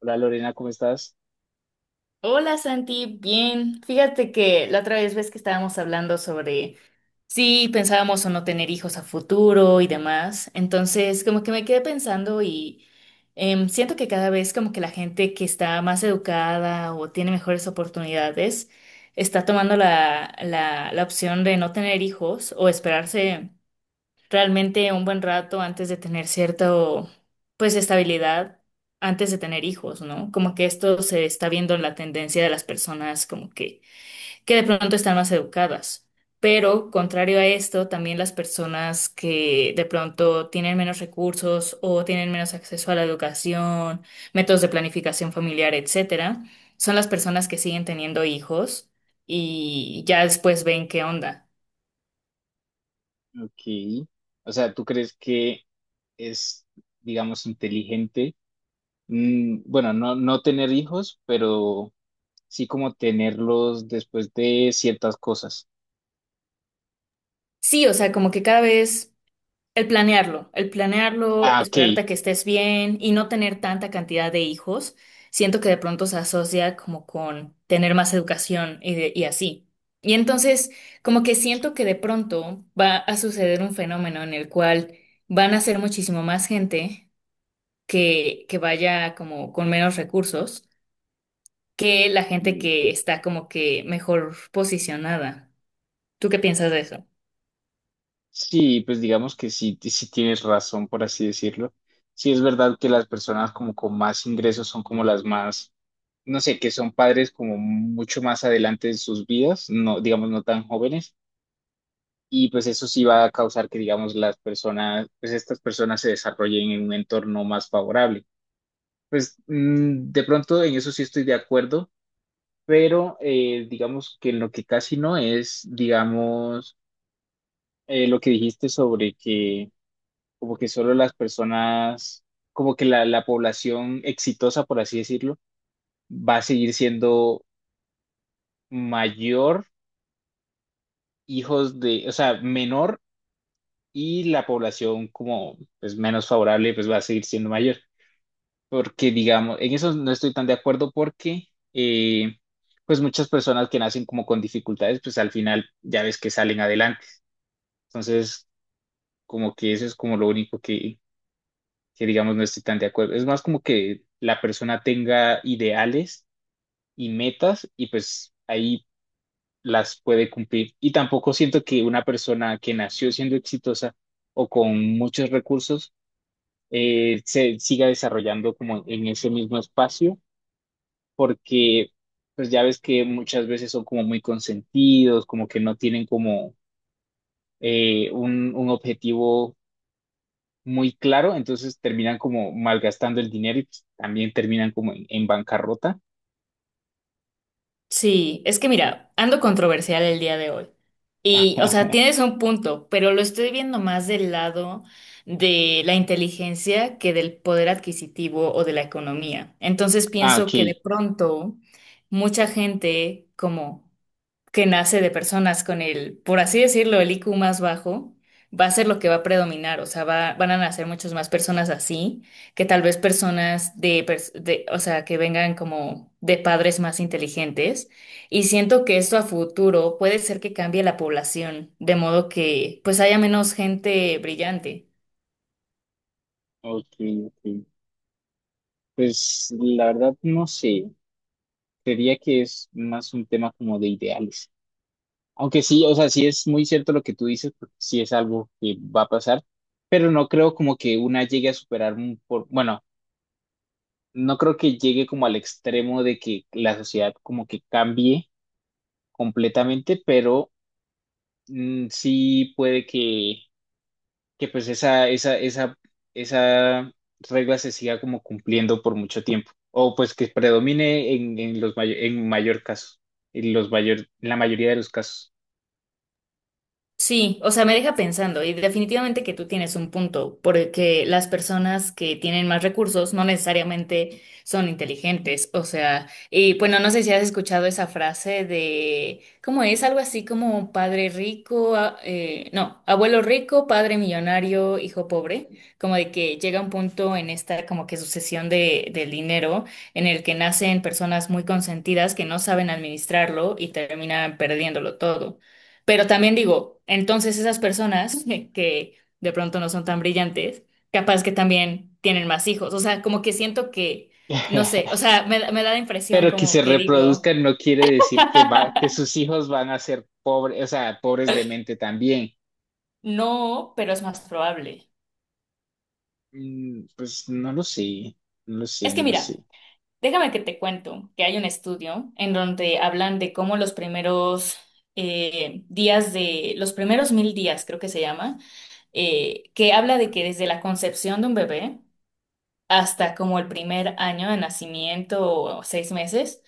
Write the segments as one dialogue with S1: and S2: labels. S1: Hola Lorena, ¿cómo estás?
S2: Hola Santi, bien. Fíjate que la otra vez ves que estábamos hablando sobre si pensábamos o no tener hijos a futuro y demás. Entonces, como que me quedé pensando y siento que cada vez como que la gente que está más educada o tiene mejores oportunidades está tomando la opción de no tener hijos o esperarse realmente un buen rato antes de tener cierto, pues, estabilidad, antes de tener hijos, ¿no? Como que esto se está viendo en la tendencia de las personas como que de pronto están más educadas. Pero contrario a esto, también las personas que de pronto tienen menos recursos o tienen menos acceso a la educación, métodos de planificación familiar, etcétera, son las personas que siguen teniendo hijos y ya después ven qué onda.
S1: Ok. O sea, ¿tú crees que es, digamos, inteligente? Bueno, no tener hijos, pero sí como tenerlos después de ciertas cosas.
S2: Sí, o sea, como que cada vez el planearlo,
S1: Ah, ok.
S2: esperarte a que estés bien y no tener tanta cantidad de hijos, siento que de pronto se asocia como con tener más educación y así. Y entonces, como que siento que de pronto va a suceder un fenómeno en el cual van a ser muchísimo más gente que vaya como con menos recursos que la gente
S1: Mm,
S2: que está como que mejor posicionada. ¿Tú qué piensas de eso?
S1: sí, pues digamos que sí, sí tienes razón, por así decirlo. Sí es verdad que las personas como con más ingresos son como las más, no sé, que son padres como mucho más adelante en sus vidas, no, digamos, no tan jóvenes. Y pues eso sí va a causar que, digamos, las personas, pues estas personas se desarrollen en un entorno más favorable. Pues de pronto en eso sí estoy de acuerdo, pero digamos que en lo que casi no es, digamos, lo que dijiste sobre que como que solo las personas, como que la población exitosa, por así decirlo, va a seguir siendo mayor hijos de, o sea, menor, y la población como pues menos favorable pues va a seguir siendo mayor. Porque, digamos, en eso no estoy tan de acuerdo porque, eh, pues muchas personas que nacen como con dificultades, pues al final ya ves que salen adelante. Entonces, como que eso es como lo único que digamos, no estoy tan de acuerdo. Es más como que la persona tenga ideales y metas y pues ahí las puede cumplir. Y tampoco siento que una persona que nació siendo exitosa o con muchos recursos se siga desarrollando como en ese mismo espacio porque pues ya ves que muchas veces son como muy consentidos, como que no tienen como un objetivo muy claro, entonces terminan como malgastando el dinero y pues, también terminan como en bancarrota.
S2: Sí, es que mira, ando controversial el día de hoy. Y, o sea, tienes un punto, pero lo estoy viendo más del lado de la inteligencia que del poder adquisitivo o de la economía. Entonces
S1: Ah, ok,
S2: pienso que de pronto mucha gente como que nace de personas con el, por así decirlo, el I Q más bajo, va a ser lo que va a predominar, o sea, van a nacer muchas más personas así que tal vez personas de, o sea, que vengan como de padres más inteligentes. Y siento que esto a futuro puede ser que cambie la población, de modo que pues haya menos gente brillante.
S1: ok, ok. Pues la verdad no sé, creería que es más un tema como de ideales. Aunque sí, o sea, sí es muy cierto lo que tú dices, porque sí es algo que va a pasar, pero no creo como que una llegue a superar un, por, bueno, no creo que llegue como al extremo de que la sociedad como que cambie completamente, pero mm, sí puede que pues esa regla se siga como cumpliendo por mucho tiempo, o pues que predomine en los en mayor caso, en los mayor, en la mayoría de los casos.
S2: Sí, o sea, me deja pensando y definitivamente que tú tienes un punto, porque las personas que tienen más recursos no necesariamente son inteligentes, o sea, y bueno, no sé si has escuchado esa frase de, ¿cómo es? Algo así como padre rico, no, abuelo rico, padre millonario, hijo pobre, como de que llega un punto en esta como que sucesión de, del dinero en el que nacen personas muy consentidas que no saben administrarlo y terminan perdiéndolo todo. Pero también digo, entonces esas personas que de pronto no son tan brillantes, capaz que también tienen más hijos. O sea, como que siento que, no sé, o sea, me da la impresión
S1: Pero que
S2: como
S1: se
S2: que digo,
S1: reproduzcan no quiere decir que va, que sus hijos van a ser pobres, o sea, pobres de mente también.
S2: no, pero es más probable.
S1: Mm, pues no lo sé, no lo sé,
S2: Es que
S1: no lo
S2: mira,
S1: sé.
S2: déjame que te cuento que hay un estudio en donde hablan de cómo los primeros los primeros 1.000 días, creo que se llama, que habla de que desde la concepción de un bebé, hasta como el primer año de nacimiento o 6 meses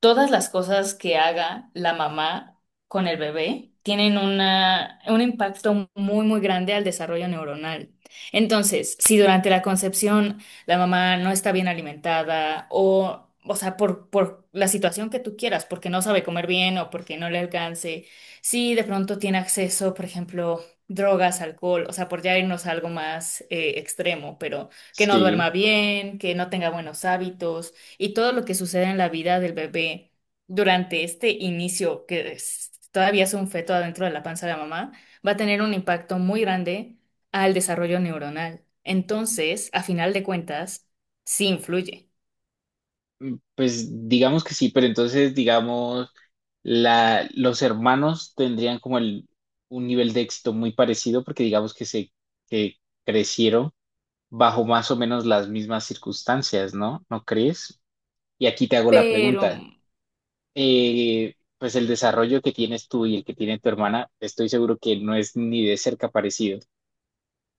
S2: todas las cosas que haga la mamá con el bebé tienen un impacto muy, muy grande al desarrollo neuronal. Entonces, si durante la concepción la mamá no está bien alimentada o sea, por la situación que tú quieras, porque no sabe comer bien o porque no le alcance, si de pronto tiene acceso, por ejemplo, drogas, alcohol, o sea, por ya irnos a algo más extremo, pero que no
S1: Sí,
S2: duerma bien, que no tenga buenos hábitos y todo lo que sucede en la vida del bebé durante este inicio, que todavía es un feto adentro de la panza de la mamá, va a tener un impacto muy grande al desarrollo neuronal. Entonces, a final de cuentas, sí influye.
S1: pues digamos que sí, pero entonces digamos los hermanos tendrían como el, un nivel de éxito muy parecido porque digamos que se que crecieron bajo más o menos las mismas circunstancias, ¿no? ¿No crees? Y aquí te hago la
S2: Pero
S1: pregunta. Pues el desarrollo que tienes tú y el que tiene tu hermana, estoy seguro que no es ni de cerca parecido.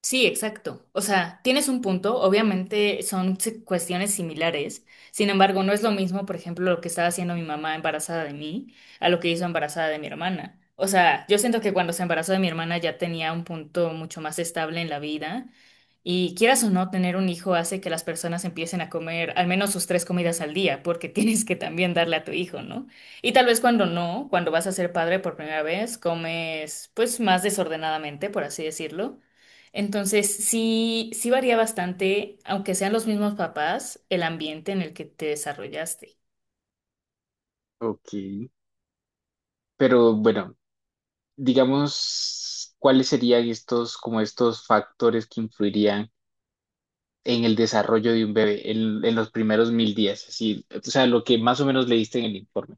S2: sí, exacto. O sea, tienes un punto, obviamente son cuestiones similares, sin embargo, no es lo mismo, por ejemplo, lo que estaba haciendo mi mamá embarazada de mí a lo que hizo embarazada de mi hermana. O sea, yo siento que cuando se embarazó de mi hermana ya tenía un punto mucho más estable en la vida y quieras o no, tener un hijo hace que las personas empiecen a comer al menos sus 3 comidas al día, porque tienes que también darle a tu hijo, ¿no? Y tal vez cuando no, cuando vas a ser padre por primera vez, comes pues más desordenadamente, por así decirlo. Entonces, sí, sí varía bastante, aunque sean los mismos papás, el ambiente en el que te desarrollaste.
S1: Ok, pero bueno, digamos, ¿cuáles serían estos, como estos factores que influirían en el desarrollo de un bebé en los primeros mil días, así, o sea, lo que más o menos leíste en el informe?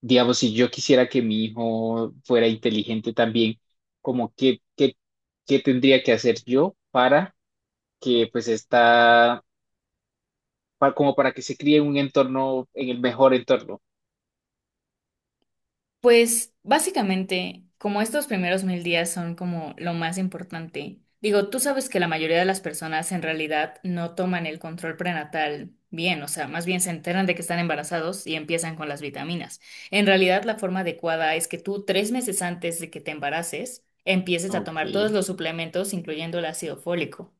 S1: Digamos, si yo quisiera que mi hijo fuera inteligente también, como qué, qué, qué tendría que hacer yo para que pues está, como para que se críe en un entorno, en el mejor entorno.
S2: Pues básicamente, como estos primeros 1.000 días son como lo más importante, digo, tú sabes que la mayoría de las personas en realidad no toman el control prenatal bien, o sea, más bien se enteran de que están embarazados y empiezan con las vitaminas. En realidad, la forma adecuada es que tú 3 meses antes de que te embaraces, empieces a
S1: Ok,
S2: tomar todos los suplementos, incluyendo el ácido fólico.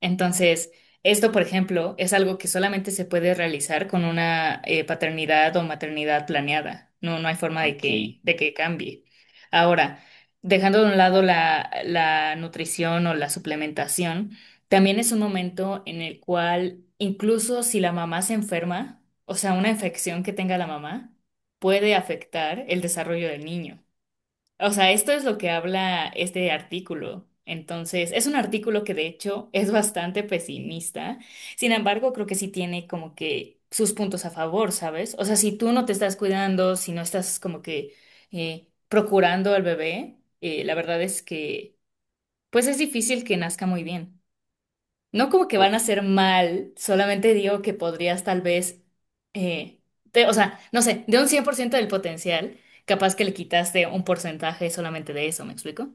S2: Entonces, esto, por ejemplo, es algo que solamente se puede realizar con una paternidad o maternidad planeada. No, no hay forma
S1: ok,
S2: de que cambie. Ahora, dejando de un lado la nutrición o la suplementación, también es un momento en el cual, incluso si la mamá se enferma, o sea, una infección que tenga la mamá, puede afectar el desarrollo del niño. O sea, esto es lo que habla este artículo. Entonces, es un artículo que de hecho es bastante pesimista. Sin embargo, creo que sí tiene como que sus puntos a favor, ¿sabes? O sea, si tú no te estás cuidando, si no estás como que procurando al bebé, la verdad es que pues es difícil que nazca muy bien. No como que
S1: ok,
S2: van a ser mal, solamente digo que podrías tal vez, eh, o sea, no sé, de un 100% del potencial, capaz que le quitaste un porcentaje solamente de eso, ¿me explico?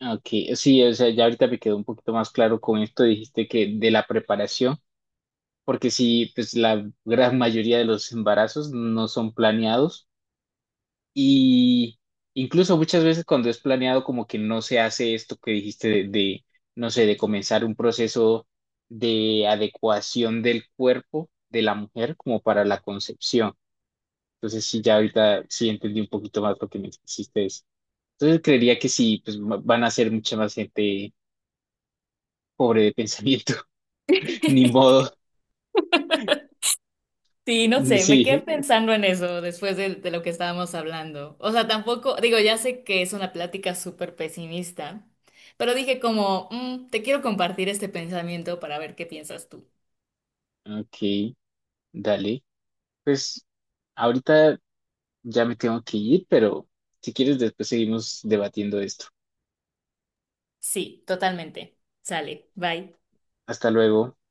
S1: ok. Sí, o sea, ya ahorita me quedó un poquito más claro con esto, dijiste que de la preparación, porque sí, pues la gran mayoría de los embarazos no son planeados. Y incluso muchas veces cuando es planeado, como que no se hace esto que dijiste de, no sé, de comenzar un proceso de adecuación del cuerpo de la mujer como para la concepción. Entonces, sí, ya ahorita sí entendí un poquito más lo que me hiciste eso. Entonces, creería que sí, pues van a ser mucha más gente pobre de pensamiento. Ni modo.
S2: Sí, no sé, me quedé
S1: Sí.
S2: pensando en eso después de lo que estábamos hablando. O sea, tampoco, digo, ya sé que es una plática súper pesimista, pero dije como, Te quiero compartir este pensamiento para ver qué piensas tú.
S1: Ok, dale. Pues ahorita. Ya me tengo que ir, pero si quieres después seguimos debatiendo esto.
S2: Sí, totalmente. Sale, bye.
S1: Hasta luego.